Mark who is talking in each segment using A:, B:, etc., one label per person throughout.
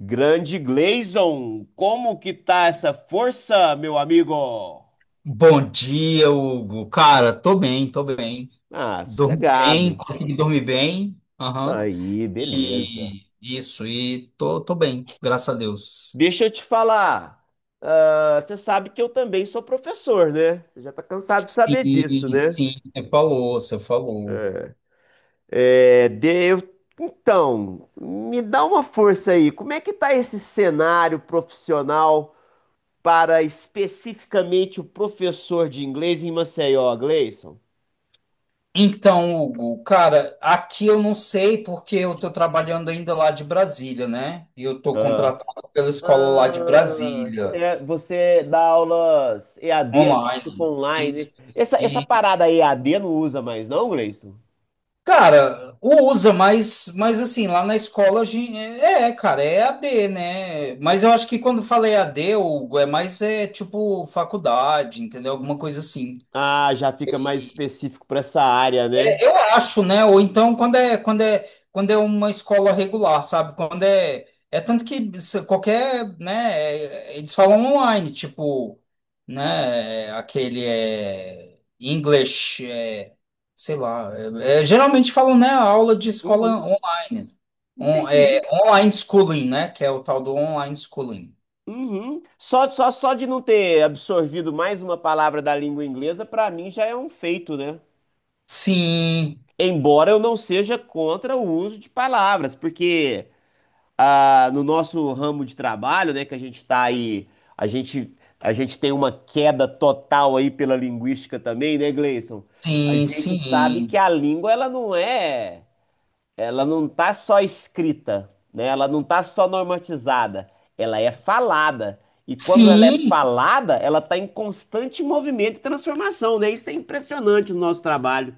A: Grande Gleison, como que tá essa força, meu amigo?
B: Bom dia, Hugo. Cara, tô bem, tô bem.
A: Ah,
B: Dormi bem,
A: sossegado.
B: consegui dormir bem. Aham.
A: Aí, beleza.
B: E isso, e tô bem, graças a Deus.
A: Deixa eu te falar. Ah, você sabe que eu também sou professor, né? Você já tá cansado de saber
B: Sim,
A: disso, né?
B: sim, você falou, você falou.
A: É. Então, me dá uma força aí. Como é que tá esse cenário profissional para especificamente o professor de inglês em Maceió, Gleison?
B: Então, Hugo, cara, aqui eu não sei porque eu tô trabalhando ainda lá de Brasília, né? E eu tô contratado pela escola lá de
A: Ah,
B: Brasília,
A: é, você dá aulas EAD, né? Tipo
B: online. Isso.
A: online. Essa parada EAD não usa mais, não, Gleison?
B: Cara, usa, mas assim, lá na escola a gente, cara, é EAD, né? Mas eu acho que quando falei d Hugo, é mais é tipo faculdade, entendeu? Alguma coisa assim.
A: Ah, já fica mais específico para essa área, né?
B: É, eu acho, né? Ou então quando é uma escola regular, sabe? Quando é tanto que qualquer, né? Eles falam online, tipo, né? Aquele é English, sei lá. Geralmente falam, né? Aula de escola
A: Uhum,
B: online.
A: entendi.
B: Online schooling, né? Que é o tal do online schooling.
A: Uhum. Só de não ter absorvido mais uma palavra da língua inglesa, para mim já é um feito, né?
B: Sim,
A: Embora eu não seja contra o uso de palavras, porque no nosso ramo de trabalho, né, que a gente está aí, a gente, a gente tem uma queda total aí pela linguística também, né, Gleison? A
B: sim,
A: gente sabe
B: sim,
A: que a língua, ela não tá só escrita, né? Ela não tá só normatizada, ela é falada. E quando ela é
B: sim.
A: falada, ela está em constante movimento e transformação, né? Isso é impressionante no nosso trabalho.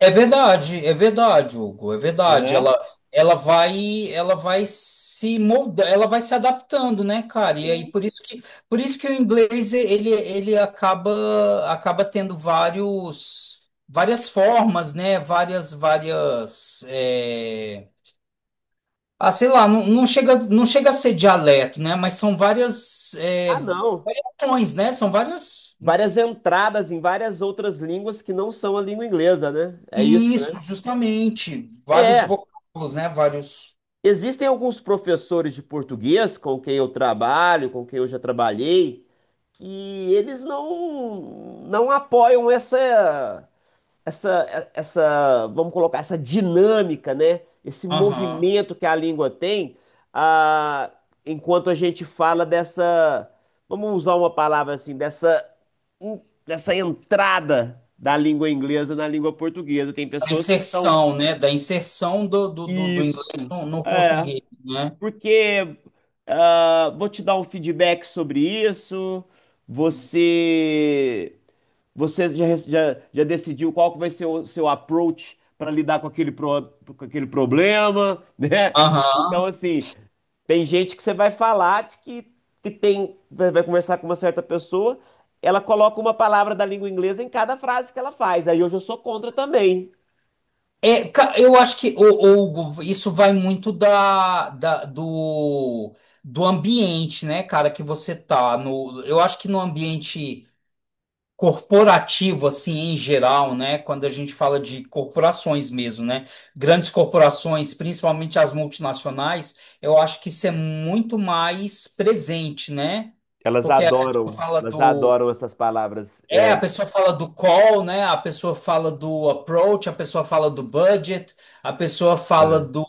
B: É verdade, Hugo, é verdade.
A: É?
B: Ela vai se moldar, ela vai se adaptando, né, cara? E aí
A: Sim.
B: por isso que o inglês, ele acaba tendo várias formas, né? Várias, várias, sei lá, não, não chega a ser dialeto, né? Mas são várias,
A: Ah, não.
B: variações, né? São várias,
A: Várias entradas em várias outras línguas que não são a língua inglesa, né? É isso, né?
B: isso, justamente, vários
A: É.
B: vocábulos, né? Vários.
A: Existem alguns professores de português com quem eu trabalho, com quem eu já trabalhei, que eles não apoiam essa, vamos colocar, essa dinâmica, né? Esse
B: Aham.
A: movimento que a língua tem, ah, enquanto a gente fala dessa, vamos usar uma palavra assim, dessa, en- dessa entrada da língua inglesa na língua portuguesa. Tem
B: A
A: pessoas que são
B: inserção, né? Da inserção do inglês
A: isso,
B: no
A: é,
B: português, né?
A: porque vou te dar um feedback sobre isso. Você você já decidiu qual que vai ser o seu approach para lidar com com aquele problema, né? Então,
B: Aham.
A: assim, tem gente que você vai falar de vai conversar com uma certa pessoa, ela coloca uma palavra da língua inglesa em cada frase que ela faz. Aí hoje eu sou contra também.
B: É, eu acho que, isso vai muito do ambiente, né, cara, que você tá no, eu acho que no ambiente corporativo, assim, em geral, né, quando a gente fala de corporações mesmo, né, grandes corporações, principalmente as multinacionais, eu acho que isso é muito mais presente, né, porque a gente fala
A: Elas
B: do
A: adoram essas palavras.
B: É,
A: É.
B: a pessoa fala do call, né? A pessoa fala do approach, a pessoa fala do budget, a pessoa fala
A: Ah.
B: do,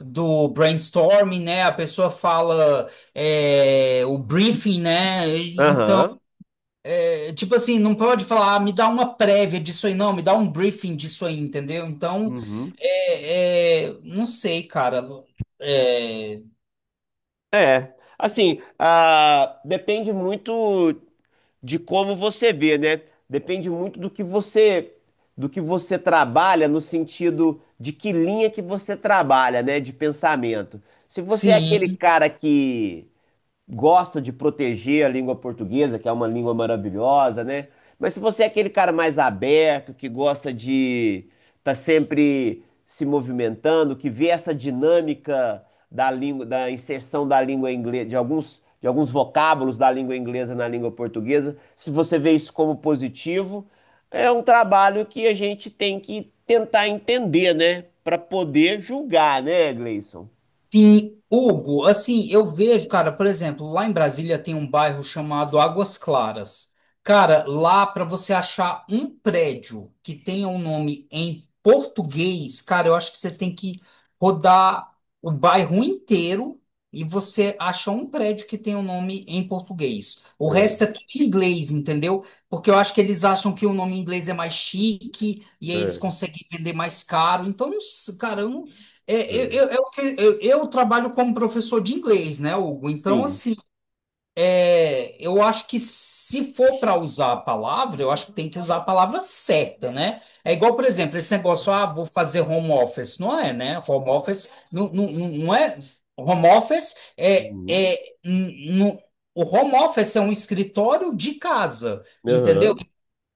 B: brainstorming, né? A pessoa fala o briefing, né? Então,
A: Aham.
B: tipo assim, não pode falar, ah, me dá uma prévia disso aí, não, me dá um briefing disso aí, entendeu? Então,
A: Uhum.
B: não sei, cara. É,
A: É. Assim, depende muito de como você vê, né? Depende muito do que você trabalha no sentido de que linha que você trabalha, né, de pensamento. Se você é aquele
B: sim.
A: cara que gosta de proteger a língua portuguesa, que é uma língua maravilhosa, né? Mas se você é aquele cara mais aberto, que gosta de estar sempre se movimentando, que vê essa dinâmica da língua, da inserção da língua inglesa, de alguns vocábulos da língua inglesa na língua portuguesa, se você vê isso como positivo, é um trabalho que a gente tem que tentar entender, né? Para poder julgar, né, Gleison?
B: Sim, Hugo, assim, eu vejo, cara, por exemplo, lá em Brasília tem um bairro chamado Águas Claras. Cara, lá para você achar um prédio que tenha um nome em português, cara, eu acho que você tem que rodar o bairro inteiro e você acha um prédio que tenha um nome em português. O
A: É,
B: resto é tudo em inglês, entendeu? Porque eu acho que eles acham que o nome em inglês é mais chique e aí eles
A: é,
B: conseguem vender mais caro. Então, cara, eu não é,
A: é.
B: eu, que- eu trabalho como professor de inglês, né, Hugo? Então,
A: Sim.
B: assim, é, eu acho que se for para usar a palavra, eu acho que tem que usar a palavra certa, né? É igual, por exemplo, esse negócio, ah, vou fazer home office. Não é, né? Home office não, não, não não é. Home office é,
A: Uhum.
B: é n- n- o home office é um escritório de casa, entendeu?
A: Aham.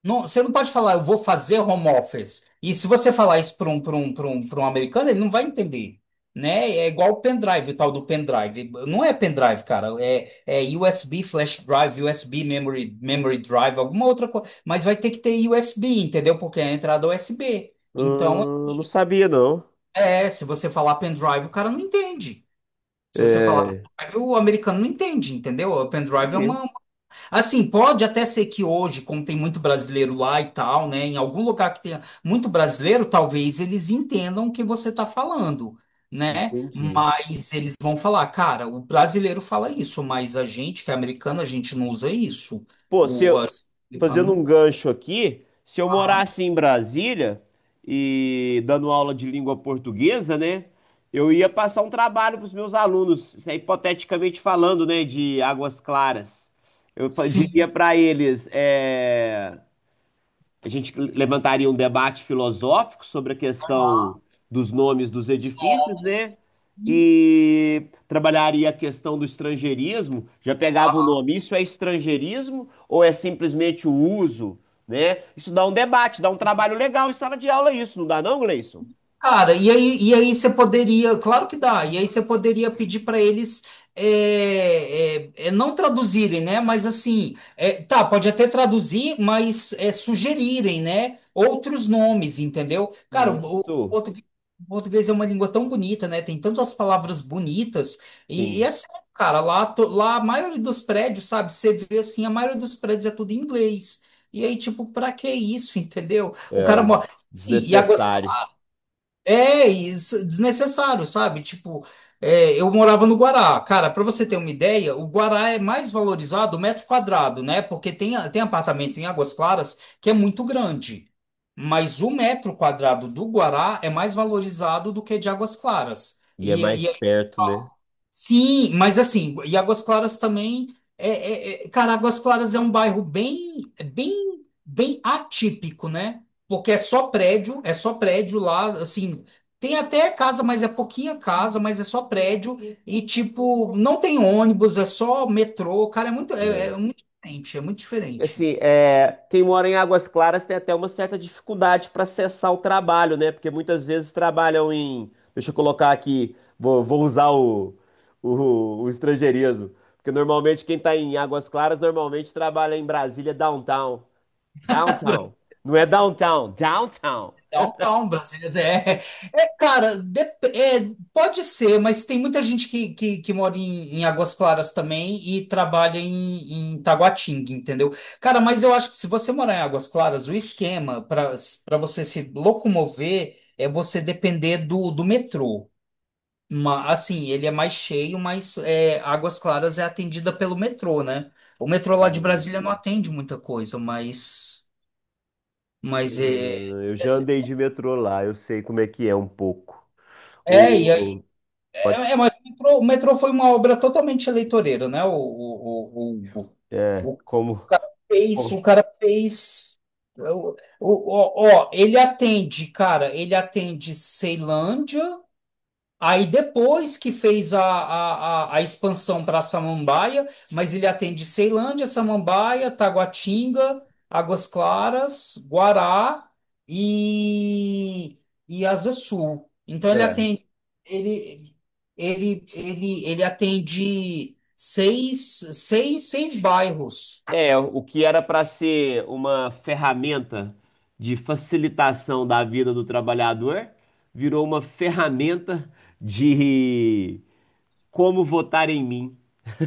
B: Não, você não pode falar, eu vou fazer home office. E se você falar isso para um americano, ele não vai entender, né? É igual o pendrive, o tal do pendrive. Não é pendrive, cara. É USB flash drive, USB memory, memory drive, alguma outra coisa. Mas vai ter que ter USB, entendeu? Porque é a entrada USB. Então,
A: Não sabia, não.
B: é, se você falar pendrive, o cara não entende. Se você falar
A: É,
B: pendrive, o americano não entende, entendeu? O pendrive é
A: entendi.
B: uma. Assim, pode até ser que hoje, como tem muito brasileiro lá e tal, né, em algum lugar que tenha muito brasileiro, talvez eles entendam o que você está falando, né?
A: Entendi.
B: Mas eles vão falar, cara, o brasileiro fala isso, mas a gente, que é americano, a gente não usa isso.
A: Pô, se
B: O,
A: eu,
B: a-
A: fazendo um
B: Aham.
A: gancho aqui, se eu morasse em Brasília e dando aula de língua portuguesa, né? Eu ia passar um trabalho para os meus alunos, isso é hipoteticamente falando, né, de Águas Claras. Eu diria
B: Sim,
A: para eles, é, a gente levantaria um debate filosófico sobre a questão
B: aham.
A: dos nomes dos
B: Os
A: edifícios, né?
B: nomes.
A: E trabalharia a questão do estrangeirismo. Já pegava o nome, isso é estrangeirismo ou é simplesmente o uso, né? Isso dá um debate, dá um trabalho legal em sala de aula, isso, não dá não, Gleison?
B: Cara, claro que dá, e aí você poderia pedir para eles, não traduzirem, né? Mas assim, tá, pode até traduzir, mas sugerirem, né? Outros nomes, entendeu? Cara,
A: Isso,
B: o português é uma língua tão bonita, né? Tem tantas palavras bonitas, e
A: sim,
B: é sério, cara, lá, lá a maioria dos prédios, sabe? Você vê assim, a maioria dos prédios é tudo em inglês. E aí, tipo, pra que isso, entendeu? O cara
A: é
B: mora. Sim, e agora.
A: desnecessário.
B: É isso, desnecessário, sabe? Tipo, é, eu morava no Guará. Cara, para você ter uma ideia, o Guará é mais valorizado o metro quadrado, né? Porque tem apartamento em Águas Claras que é muito grande. Mas o metro quadrado do Guará é mais valorizado do que de Águas Claras.
A: E é
B: E.
A: mais perto, né?
B: Sim, mas assim, e Águas Claras também, cara, Águas Claras é um bairro bem, bem, bem atípico, né? Porque é só prédio lá, assim, tem até casa, mas é pouquinha casa, mas é só prédio e tipo, não tem ônibus, é só metrô, cara, é muito, é muito diferente, é muito diferente.
A: Assim, é, quem mora em Águas Claras tem até uma certa dificuldade para acessar o trabalho, né? Porque muitas vezes trabalham em. Deixa eu colocar aqui, vou usar o estrangeirismo. Porque normalmente quem está em Águas Claras normalmente trabalha em Brasília downtown. Downtown. Não é downtown, downtown.
B: Downtown, Brasília é cara, pode ser, mas tem muita gente que mora em, Águas Claras também e trabalha em, Taguatinga, entendeu? Cara, mas eu acho que se você morar em Águas Claras, o esquema para você se locomover é você depender do metrô. Assim, ele é mais cheio, mas Águas Claras é atendida pelo metrô, né? O metrô lá de Brasília não
A: Hum,
B: atende muita coisa, mas é,
A: eu já andei de metrô lá, eu sei como é que é um pouco.
B: é, e
A: O, pode,
B: mas o metrô foi uma obra totalmente eleitoreira, né?
A: é,
B: O
A: como.
B: cara fez, o
A: Como-
B: cara fez. Ó, ele atende, cara, ele atende Ceilândia. Aí depois que fez a expansão para Samambaia, mas ele atende Ceilândia, Samambaia, Taguatinga, Águas Claras, Guará e, e Asa Sul. Então ele
A: é.
B: atende ele, ele, ele, ele atende seis bairros.
A: É, o que era para ser uma ferramenta de facilitação da vida do trabalhador, virou uma ferramenta de como votar em mim.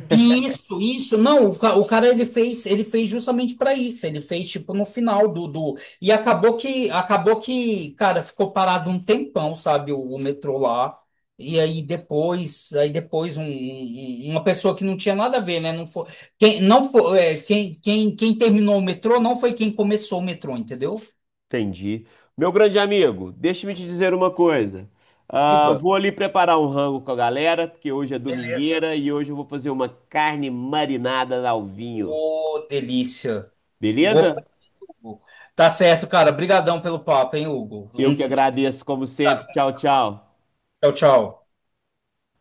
B: Isso, isso. Não, o cara, ele fez justamente para isso. Ele fez tipo no final do. E acabou que cara, ficou parado um tempão, sabe, o metrô lá. E aí depois uma pessoa que não tinha nada a ver, né? Não foi quem, não foi, é, quem, quem terminou o metrô não foi quem começou o metrô, entendeu?
A: Entendi. Meu grande amigo, deixa-me te dizer uma coisa. Ah,
B: Diga.
A: vou ali preparar um rango com a galera, porque hoje é
B: Beleza.
A: domingueira e hoje eu vou fazer uma carne marinada ao vinho.
B: Ô, delícia. Vou. Pra
A: Beleza?
B: Hugo. Tá certo, cara. Obrigadão pelo papo, hein, Hugo.
A: Eu que agradeço, como sempre. Tchau, tchau.
B: Tchau, tchau.